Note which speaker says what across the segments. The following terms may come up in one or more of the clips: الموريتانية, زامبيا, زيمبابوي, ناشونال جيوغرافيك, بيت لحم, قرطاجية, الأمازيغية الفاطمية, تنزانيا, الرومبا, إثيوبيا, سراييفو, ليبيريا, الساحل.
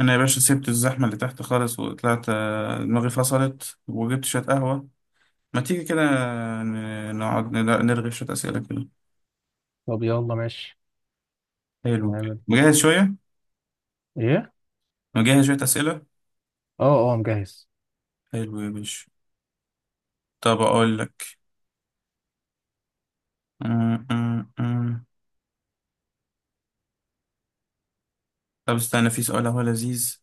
Speaker 1: انا يا باشا سبت الزحمه اللي تحت خالص وطلعت، دماغي فصلت وجبت شويه قهوه. ما تيجي كده نقعد نرغي شويه اسئله كده.
Speaker 2: طب يلا ماشي.
Speaker 1: حلو.
Speaker 2: هنعمل
Speaker 1: مجهز شويه.
Speaker 2: ايه؟
Speaker 1: مجهز شويه اسئله.
Speaker 2: اه اه، مجهز.
Speaker 1: حلو يا باشا. طب اقول لك. م- م- م. طب استنى، في سؤال اهو لذيذ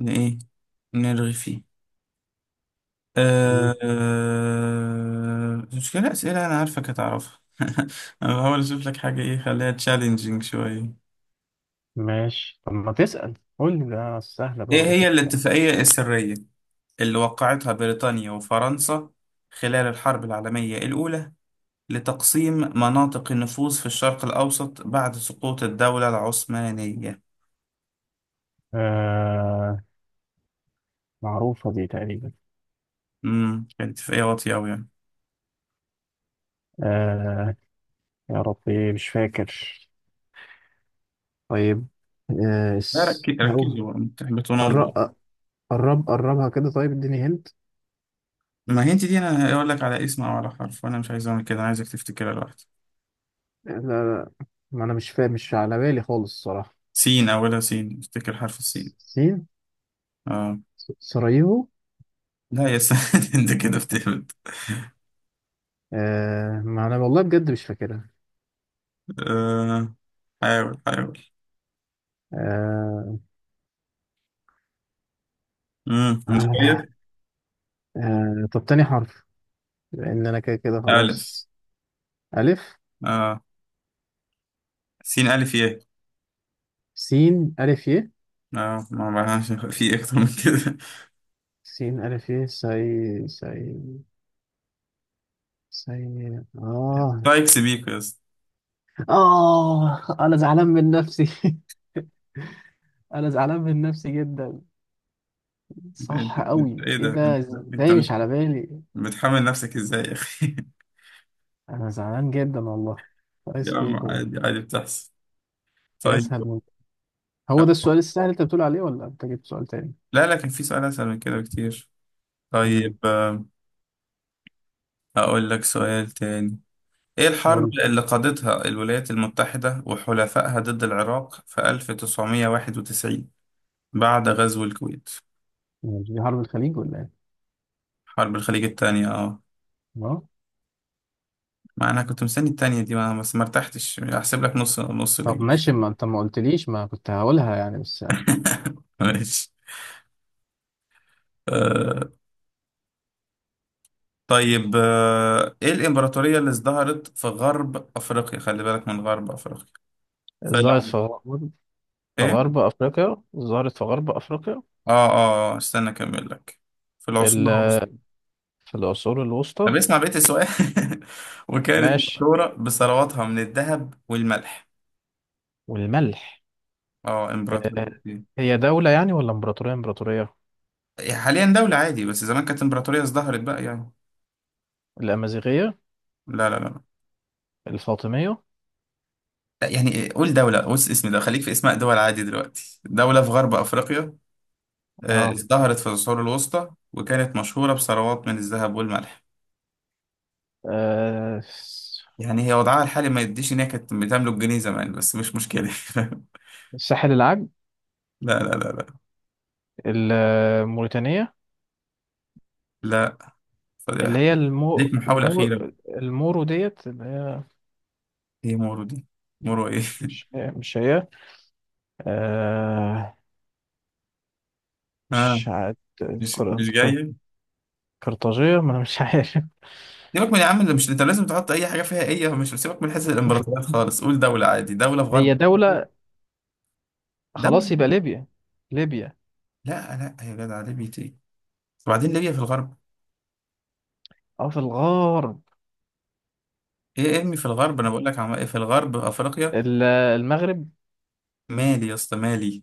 Speaker 1: ايه نرغي فيه.
Speaker 2: مم.
Speaker 1: أه آه، مشكلة أسئلة أنا عارفك هتعرفها أنا بحاول أشوف لك حاجة، إيه، خليها تشالنجينج شوية.
Speaker 2: ماشي، طب ما تسأل. قول لي، ده سهلة
Speaker 1: إيه
Speaker 2: برضه،
Speaker 1: هي
Speaker 2: اشوف الكلام.
Speaker 1: الاتفاقية السرية؟ اللي وقعتها بريطانيا وفرنسا خلال الحرب العالمية الأولى لتقسيم مناطق النفوذ في الشرق الأوسط بعد سقوط الدولة العثمانية.
Speaker 2: آه، معروفة دي تقريبا.
Speaker 1: كانت في أي واطية أوي يعني.
Speaker 2: آه، يا ربي مش فاكر. طيب.
Speaker 1: لا، ركزي
Speaker 2: هو.
Speaker 1: ركزي بقى، ما تحبطوناش
Speaker 2: قرب،
Speaker 1: بقى.
Speaker 2: قرب قربها كده. طيب، اديني هنت.
Speaker 1: ما هي انت دي، انا هقول لك على اسم او على حرف، وانا مش عايز اعمل كده، انا عايزك تفتكرها لوحدك.
Speaker 2: لا، لا، ما انا مش فاهم، مش على بالي خالص الصراحة.
Speaker 1: سين اولها، سين افتكر، حرف السين.
Speaker 2: سين.
Speaker 1: اه.
Speaker 2: سراييفو.
Speaker 1: لا يا سيد انت كده بتهبط.
Speaker 2: آه، ما انا والله بجد مش فاكرها.
Speaker 1: آه. حاول حاول.
Speaker 2: آه،
Speaker 1: مش
Speaker 2: آه،
Speaker 1: غير.
Speaker 2: آه، طب تاني حرف. لان انا كده كده
Speaker 1: الف.
Speaker 2: خلاص. الف.
Speaker 1: اه. سين الف يه.
Speaker 2: سين الف ي.
Speaker 1: اه، ما معناش في اكتر من كده.
Speaker 2: سين الف ي سي. سي. سي. اه.
Speaker 1: رايكس بيك يا اسطى.
Speaker 2: اه، انا زعلان من نفسي. انا زعلان من نفسي جدا.
Speaker 1: انت
Speaker 2: صح
Speaker 1: انت
Speaker 2: قوي،
Speaker 1: ايه
Speaker 2: ايه
Speaker 1: ده؟ انت
Speaker 2: ده؟
Speaker 1: انت
Speaker 2: ازاي مش
Speaker 1: مت-
Speaker 2: على بالي؟
Speaker 1: بتحمل نفسك ازاي يا اخي؟
Speaker 2: انا زعلان جدا والله. كويس
Speaker 1: يا عم
Speaker 2: بيكو.
Speaker 1: عادي عادي، بتحصل.
Speaker 2: في
Speaker 1: طيب.
Speaker 2: اسهل من. هو ده السؤال السهل اللي انت بتقول عليه ولا انت جبت سؤال تاني؟
Speaker 1: لا، لكن في سؤال اسهل من كده بكتير.
Speaker 2: امم.
Speaker 1: طيب، اقول لك سؤال تاني. ايه الحرب
Speaker 2: قول.
Speaker 1: اللي قادتها الولايات المتحدة وحلفائها ضد العراق في 1991 بعد غزو الكويت؟
Speaker 2: مش دي حرب الخليج ولا ايه؟
Speaker 1: حرب الخليج التانية، اه.
Speaker 2: اه.
Speaker 1: ما انا كنت مستني التانية دي، ما بس ما ارتحتش، احسب لك نص نص
Speaker 2: طب
Speaker 1: ليه.
Speaker 2: ماشي، ما انت ما قلتليش، ما كنت هقولها يعني بس.
Speaker 1: ماشي. آه، طيب، ايه الامبراطورية اللي ازدهرت في غرب افريقيا؟ خلي بالك من غرب افريقيا. في
Speaker 2: الظاهر.
Speaker 1: الع-
Speaker 2: في
Speaker 1: ايه؟
Speaker 2: غرب أفريقيا، ظهرت في غرب أفريقيا.
Speaker 1: استنى اكمل لك. في
Speaker 2: ال-
Speaker 1: العصور الوسطى.
Speaker 2: في العصور
Speaker 1: طب
Speaker 2: الوسطى.
Speaker 1: اسمع بقية السؤال وكانت
Speaker 2: ماشي،
Speaker 1: مشهورة بثرواتها من الذهب والملح.
Speaker 2: والملح.
Speaker 1: اه،
Speaker 2: آه،
Speaker 1: امبراطورية إيه؟
Speaker 2: هي دولة يعني ولا إمبراطورية؟ إمبراطورية.
Speaker 1: حاليا دولة عادي، بس زمان كانت امبراطورية ازدهرت بقى يعني.
Speaker 2: الأمازيغية.
Speaker 1: لا لا لا.
Speaker 2: الفاطمية.
Speaker 1: لا، يعني إيه، قول دولة. بص، اسم ده، خليك في اسماء دول عادي دلوقتي، دولة في غرب افريقيا،
Speaker 2: اه.
Speaker 1: ازدهرت في العصور الوسطى وكانت مشهورة بثروات من الذهب والملح.
Speaker 2: آه، الس-
Speaker 1: يعني هي وضعها الحالي ما يديش إن هي كانت بتملك جنيه زمان، بس مش مشكلة لا
Speaker 2: الساحل العاج.
Speaker 1: لا. لا لا.
Speaker 2: الموريتانية.
Speaker 1: لا.
Speaker 2: اللي
Speaker 1: فضيحة.
Speaker 2: هي
Speaker 1: ليك محاولة أخيرة.
Speaker 2: المورو ديت، اللي هي.
Speaker 1: إيه مورو دي؟ مورو إيه؟
Speaker 2: مش مش هي. آه. مش
Speaker 1: آه،
Speaker 2: عاد.
Speaker 1: مش
Speaker 2: قر-
Speaker 1: مش
Speaker 2: قر-
Speaker 1: جاي.
Speaker 2: قرطاجية، ما أنا مش عارف.
Speaker 1: سيبك من يا عم اللي مش انت لازم تحط اي حاجه فيها ايه، مش، سيبك من حته الامبراطوريات خالص، قول دوله عادي، دوله في غرب
Speaker 2: هي
Speaker 1: أفريقيا.
Speaker 2: دولة. خلاص
Speaker 1: دوله.
Speaker 2: يبقى ليبيا. ليبيا.
Speaker 1: لا لا يا جدع، ليبيا ايه؟ وبعدين ليبيا في الغرب؟
Speaker 2: اه، في الغرب.
Speaker 1: ايه ارمي في الغرب، انا بقول لك عم، إيه، في الغرب افريقيا.
Speaker 2: المغرب.
Speaker 1: مالي يا اسطى، مالي.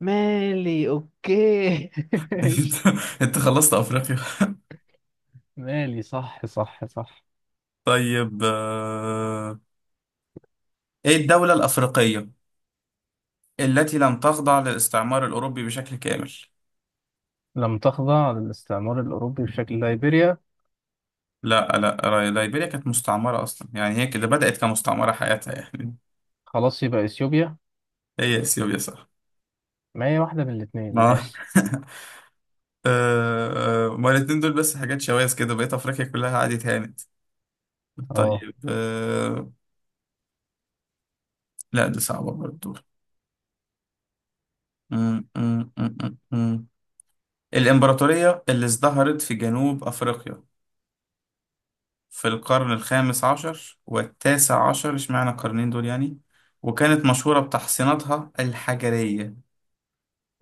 Speaker 2: مالي اوكي
Speaker 1: انت
Speaker 2: ماشي.
Speaker 1: انت خلصت افريقيا.
Speaker 2: مالي، صح صح صح.
Speaker 1: طيب، ايه الدولة الافريقية التي لم تخضع للاستعمار الاوروبي بشكل كامل؟
Speaker 2: لم تخضع للاستعمار الأوروبي بشكل، ليبيريا.
Speaker 1: لا لا، ليبيريا كانت مستعمرة اصلا، يعني هي كده بدأت كمستعمرة حياتها يعني.
Speaker 2: خلاص يبقى إثيوبيا.
Speaker 1: هي اثيوبيا، صح.
Speaker 2: ما هي واحدة من الاتنين،
Speaker 1: ما
Speaker 2: ماشي.
Speaker 1: ما الاتنين دول بس حاجات شواذ كده، بقيت افريقيا كلها قعدت هانت.
Speaker 2: اه.
Speaker 1: طيب، لا دي صعبة برضو. م- م- م- م- م. الإمبراطورية اللي ازدهرت في جنوب أفريقيا في القرن الخامس عشر والتاسع عشر، اشمعنى القرنين دول يعني، وكانت مشهورة بتحصيناتها الحجرية.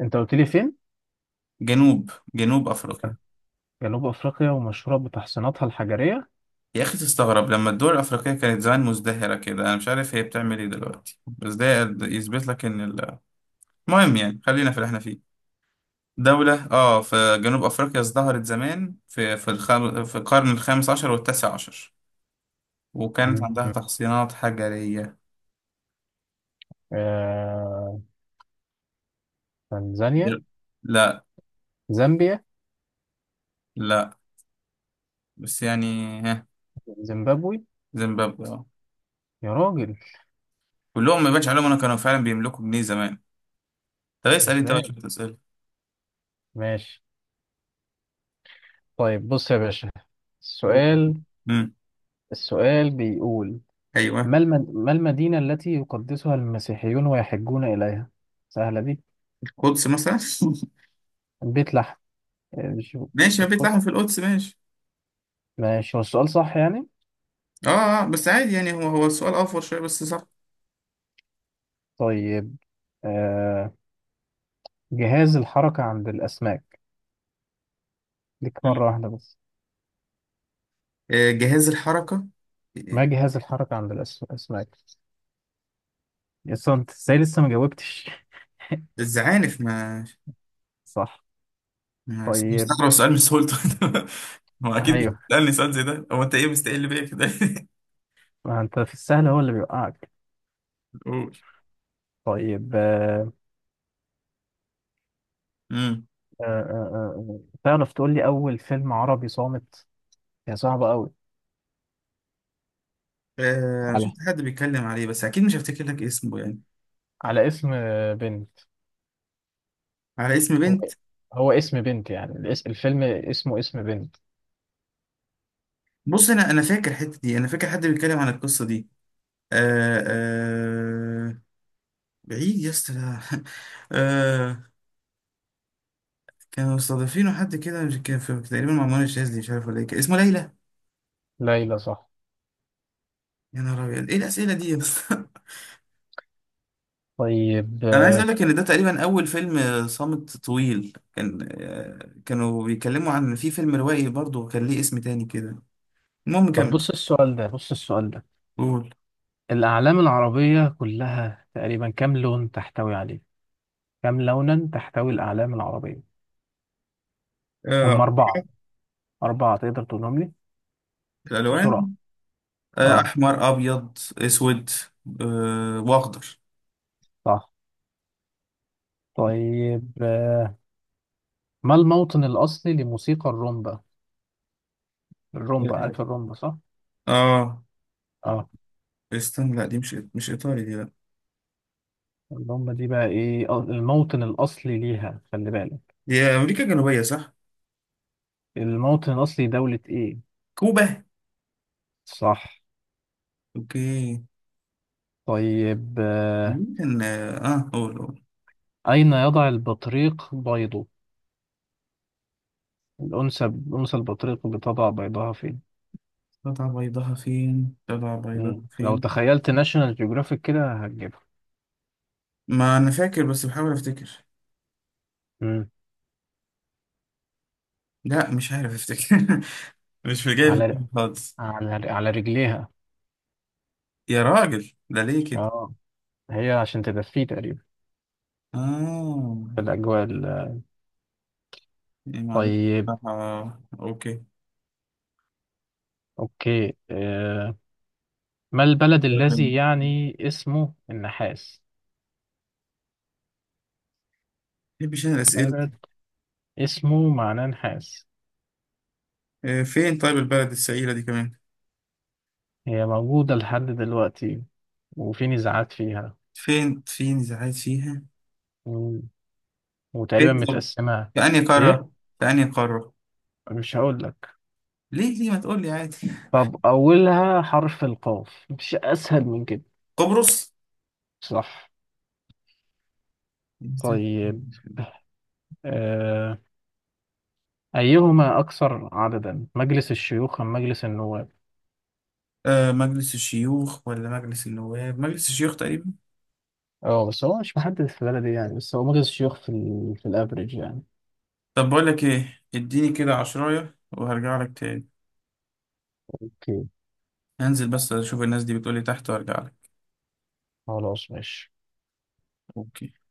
Speaker 2: انت قلت لي فين؟
Speaker 1: جنوب أفريقيا.
Speaker 2: جنوب أفريقيا، ومشهورة بتحصيناتها الحجرية.
Speaker 1: يا أخي تستغرب لما الدول الأفريقية كانت زمان مزدهرة كده. أنا مش عارف هي بتعمل إيه دلوقتي، بس ده يثبت لك إن المهم يعني، خلينا في اللي إحنا فيه. دولة في جنوب أفريقيا، ازدهرت زمان في الخم، في القرن الخامس عشر والتاسع عشر، وكانت عندها
Speaker 2: مم.
Speaker 1: تحصينات حجرية.
Speaker 2: آه... تنزانيا.
Speaker 1: دل- لا.
Speaker 2: زامبيا.
Speaker 1: لا. بس يعني ها.
Speaker 2: زيمبابوي.
Speaker 1: زيمبابوي.
Speaker 2: يا راجل.
Speaker 1: كلهم ما يبانش عليهم انا كانوا فعلا بيملكوا جنيه زمان. طب اسال انت بقى
Speaker 2: ازاي؟
Speaker 1: شويه اسئله.
Speaker 2: ماشي. طيب بص يا باشا، السؤال،
Speaker 1: امم
Speaker 2: السؤال بيقول،
Speaker 1: ايوه.
Speaker 2: ما المدينة التي يقدسها المسيحيون ويحجون إليها؟ سهلة دي.
Speaker 1: القدس مثلا.
Speaker 2: بيت لحم. مش في
Speaker 1: ماشي، ما بيت
Speaker 2: القدس؟
Speaker 1: لحم في القدس، ماشي.
Speaker 2: ماشي، هو السؤال صح يعني؟
Speaker 1: اه، بس عادي يعني، هو هو السؤال اوفر شويه بس صح.
Speaker 2: طيب. آه... جهاز الحركة عند الأسماك؟ ليك مرة
Speaker 1: مم.
Speaker 2: واحدة بس.
Speaker 1: جهاز الحركه. آه،
Speaker 2: ما جهاز الحركة عند الأسماك؟ لسه أنت إزاي لسه ما جاوبتش؟
Speaker 1: الزعانف. ما،
Speaker 2: صح.
Speaker 1: ما
Speaker 2: طيب
Speaker 1: مستغرب سؤال من سهولته. هو اكيد مش
Speaker 2: أيوه،
Speaker 1: بتسالني سؤال زي ده. هو انت ايه مستقل بيا كده؟
Speaker 2: ما أنت في السهل هو اللي بيوقعك.
Speaker 1: قول.
Speaker 2: طيب. آه...
Speaker 1: امم
Speaker 2: آه... آه... آه، آه، تعرف تقول لي أول فيلم عربي صامت؟ هي صعبة أوي.
Speaker 1: انا
Speaker 2: على
Speaker 1: شفت حد بيتكلم عليه بس اكيد مش هفتكر لك اسمه يعني.
Speaker 2: على اسم آه، بنت.
Speaker 1: على اسم
Speaker 2: هو
Speaker 1: بنت.
Speaker 2: هو اسم بنت يعني، الفيلم اسمه اسم بنت.
Speaker 1: بص، انا فاكر الحته دي، انا فاكر حد بيتكلم عن القصه دي. آه آه بعيد يا اسطى، لا. آه، كانوا مستضيفينه حد كده، مش كان في تقريبا مع منى الشاذلي، مش عارف ولا ايه، كان اسمه ليلى.
Speaker 2: ليلى، صح.
Speaker 1: يا نهار ابيض، ايه الاسئله دي يا اسطى؟
Speaker 2: طيب.
Speaker 1: انا عايز
Speaker 2: آه،
Speaker 1: اقول لك ان ده تقريبا اول فيلم صامت طويل، كان آه كانوا بيتكلموا عن في فيلم روائي برضه كان ليه اسم تاني كده. المهم
Speaker 2: طب
Speaker 1: كمل.
Speaker 2: بص السؤال ده، بص السؤال ده،
Speaker 1: قول.
Speaker 2: الأعلام العربية كلها تقريبا كم لون تحتوي عليه؟ كم لونا تحتوي الأعلام العربية؟ هم
Speaker 1: آه
Speaker 2: أربعة. أربعة، تقدر تقولهم لي بسرعة؟
Speaker 1: الالوان.
Speaker 2: اه.
Speaker 1: احمر ابيض اسود واخضر.
Speaker 2: صح. طيب. آه، ما الموطن الأصلي لموسيقى الرومبا؟ الرومبا،
Speaker 1: اه،
Speaker 2: عارف الرومبا صح؟
Speaker 1: آه،
Speaker 2: اه.
Speaker 1: استنى، لا دي مش مش ايطالي دي.
Speaker 2: الرومبا دي بقى ايه، آه، الموطن الأصلي ليها، خلي بالك.
Speaker 1: دي أمريكا الجنوبية، صح؟
Speaker 2: الموطن الأصلي دولة ايه؟
Speaker 1: كوبا.
Speaker 2: صح.
Speaker 1: أوكي.
Speaker 2: طيب. آه،
Speaker 1: مين كان قول قول.
Speaker 2: أين يضع البطريق بيضه؟ الأنثى، أنثى البطريق بتضع بيضها فين؟
Speaker 1: قطع بيضها فين؟ قطع بيضها
Speaker 2: مم. لو
Speaker 1: فين؟
Speaker 2: تخيلت ناشونال جيوغرافيك كده هتجيبها.
Speaker 1: ما أنا فاكر، بس بحاول أفتكر.
Speaker 2: مم.
Speaker 1: لا مش عارف أفتكر مش في جاي في
Speaker 2: على ر-
Speaker 1: دماغي خالص.
Speaker 2: على على رجليها.
Speaker 1: يا راجل ده ليه كده؟
Speaker 2: اه، هي عشان تدفيه تقريبا.
Speaker 1: آه.
Speaker 2: في الأجواء
Speaker 1: يعني معلومة
Speaker 2: طيب.
Speaker 1: بصراحة. أوكي.
Speaker 2: أوكي. آه. ما البلد
Speaker 1: ما
Speaker 2: الذي يعني اسمه النحاس؟
Speaker 1: بحبش أنا الأسئلة
Speaker 2: بلد
Speaker 1: دي.
Speaker 2: اسمه معناه نحاس.
Speaker 1: فين طيب البلد السعيدة دي كمان؟
Speaker 2: هي موجودة لحد دلوقتي، وفي نزاعات فيها،
Speaker 1: فين فين إذا عايز فيها؟ فين
Speaker 2: وتقريبا
Speaker 1: طب؟
Speaker 2: متقسمة.
Speaker 1: في أنهي
Speaker 2: ايه؟
Speaker 1: قارة؟ في أنهي قارة؟
Speaker 2: مش هقول لك.
Speaker 1: ليه ليه ما تقول لي عادي؟
Speaker 2: طب اولها حرف القاف، مش اسهل من كده؟
Speaker 1: قبرص؟
Speaker 2: صح. طيب. آه. ايهما اكثر عددا، مجلس الشيوخ ام مجلس النواب؟
Speaker 1: آه، مجلس الشيوخ ولا مجلس النواب، مجلس الشيوخ تقريبا.
Speaker 2: اه، بس هو مش محدد في البلد يعني، بس هو مجلس الشيوخ في الافريج يعني.
Speaker 1: طب بقول لك ايه، اديني كده عشراية وهرجع لك تاني.
Speaker 2: اوكي.
Speaker 1: هنزل بس اشوف الناس دي بتقول لي تحت وارجع لك.
Speaker 2: خلاص ماشي.
Speaker 1: اوكي.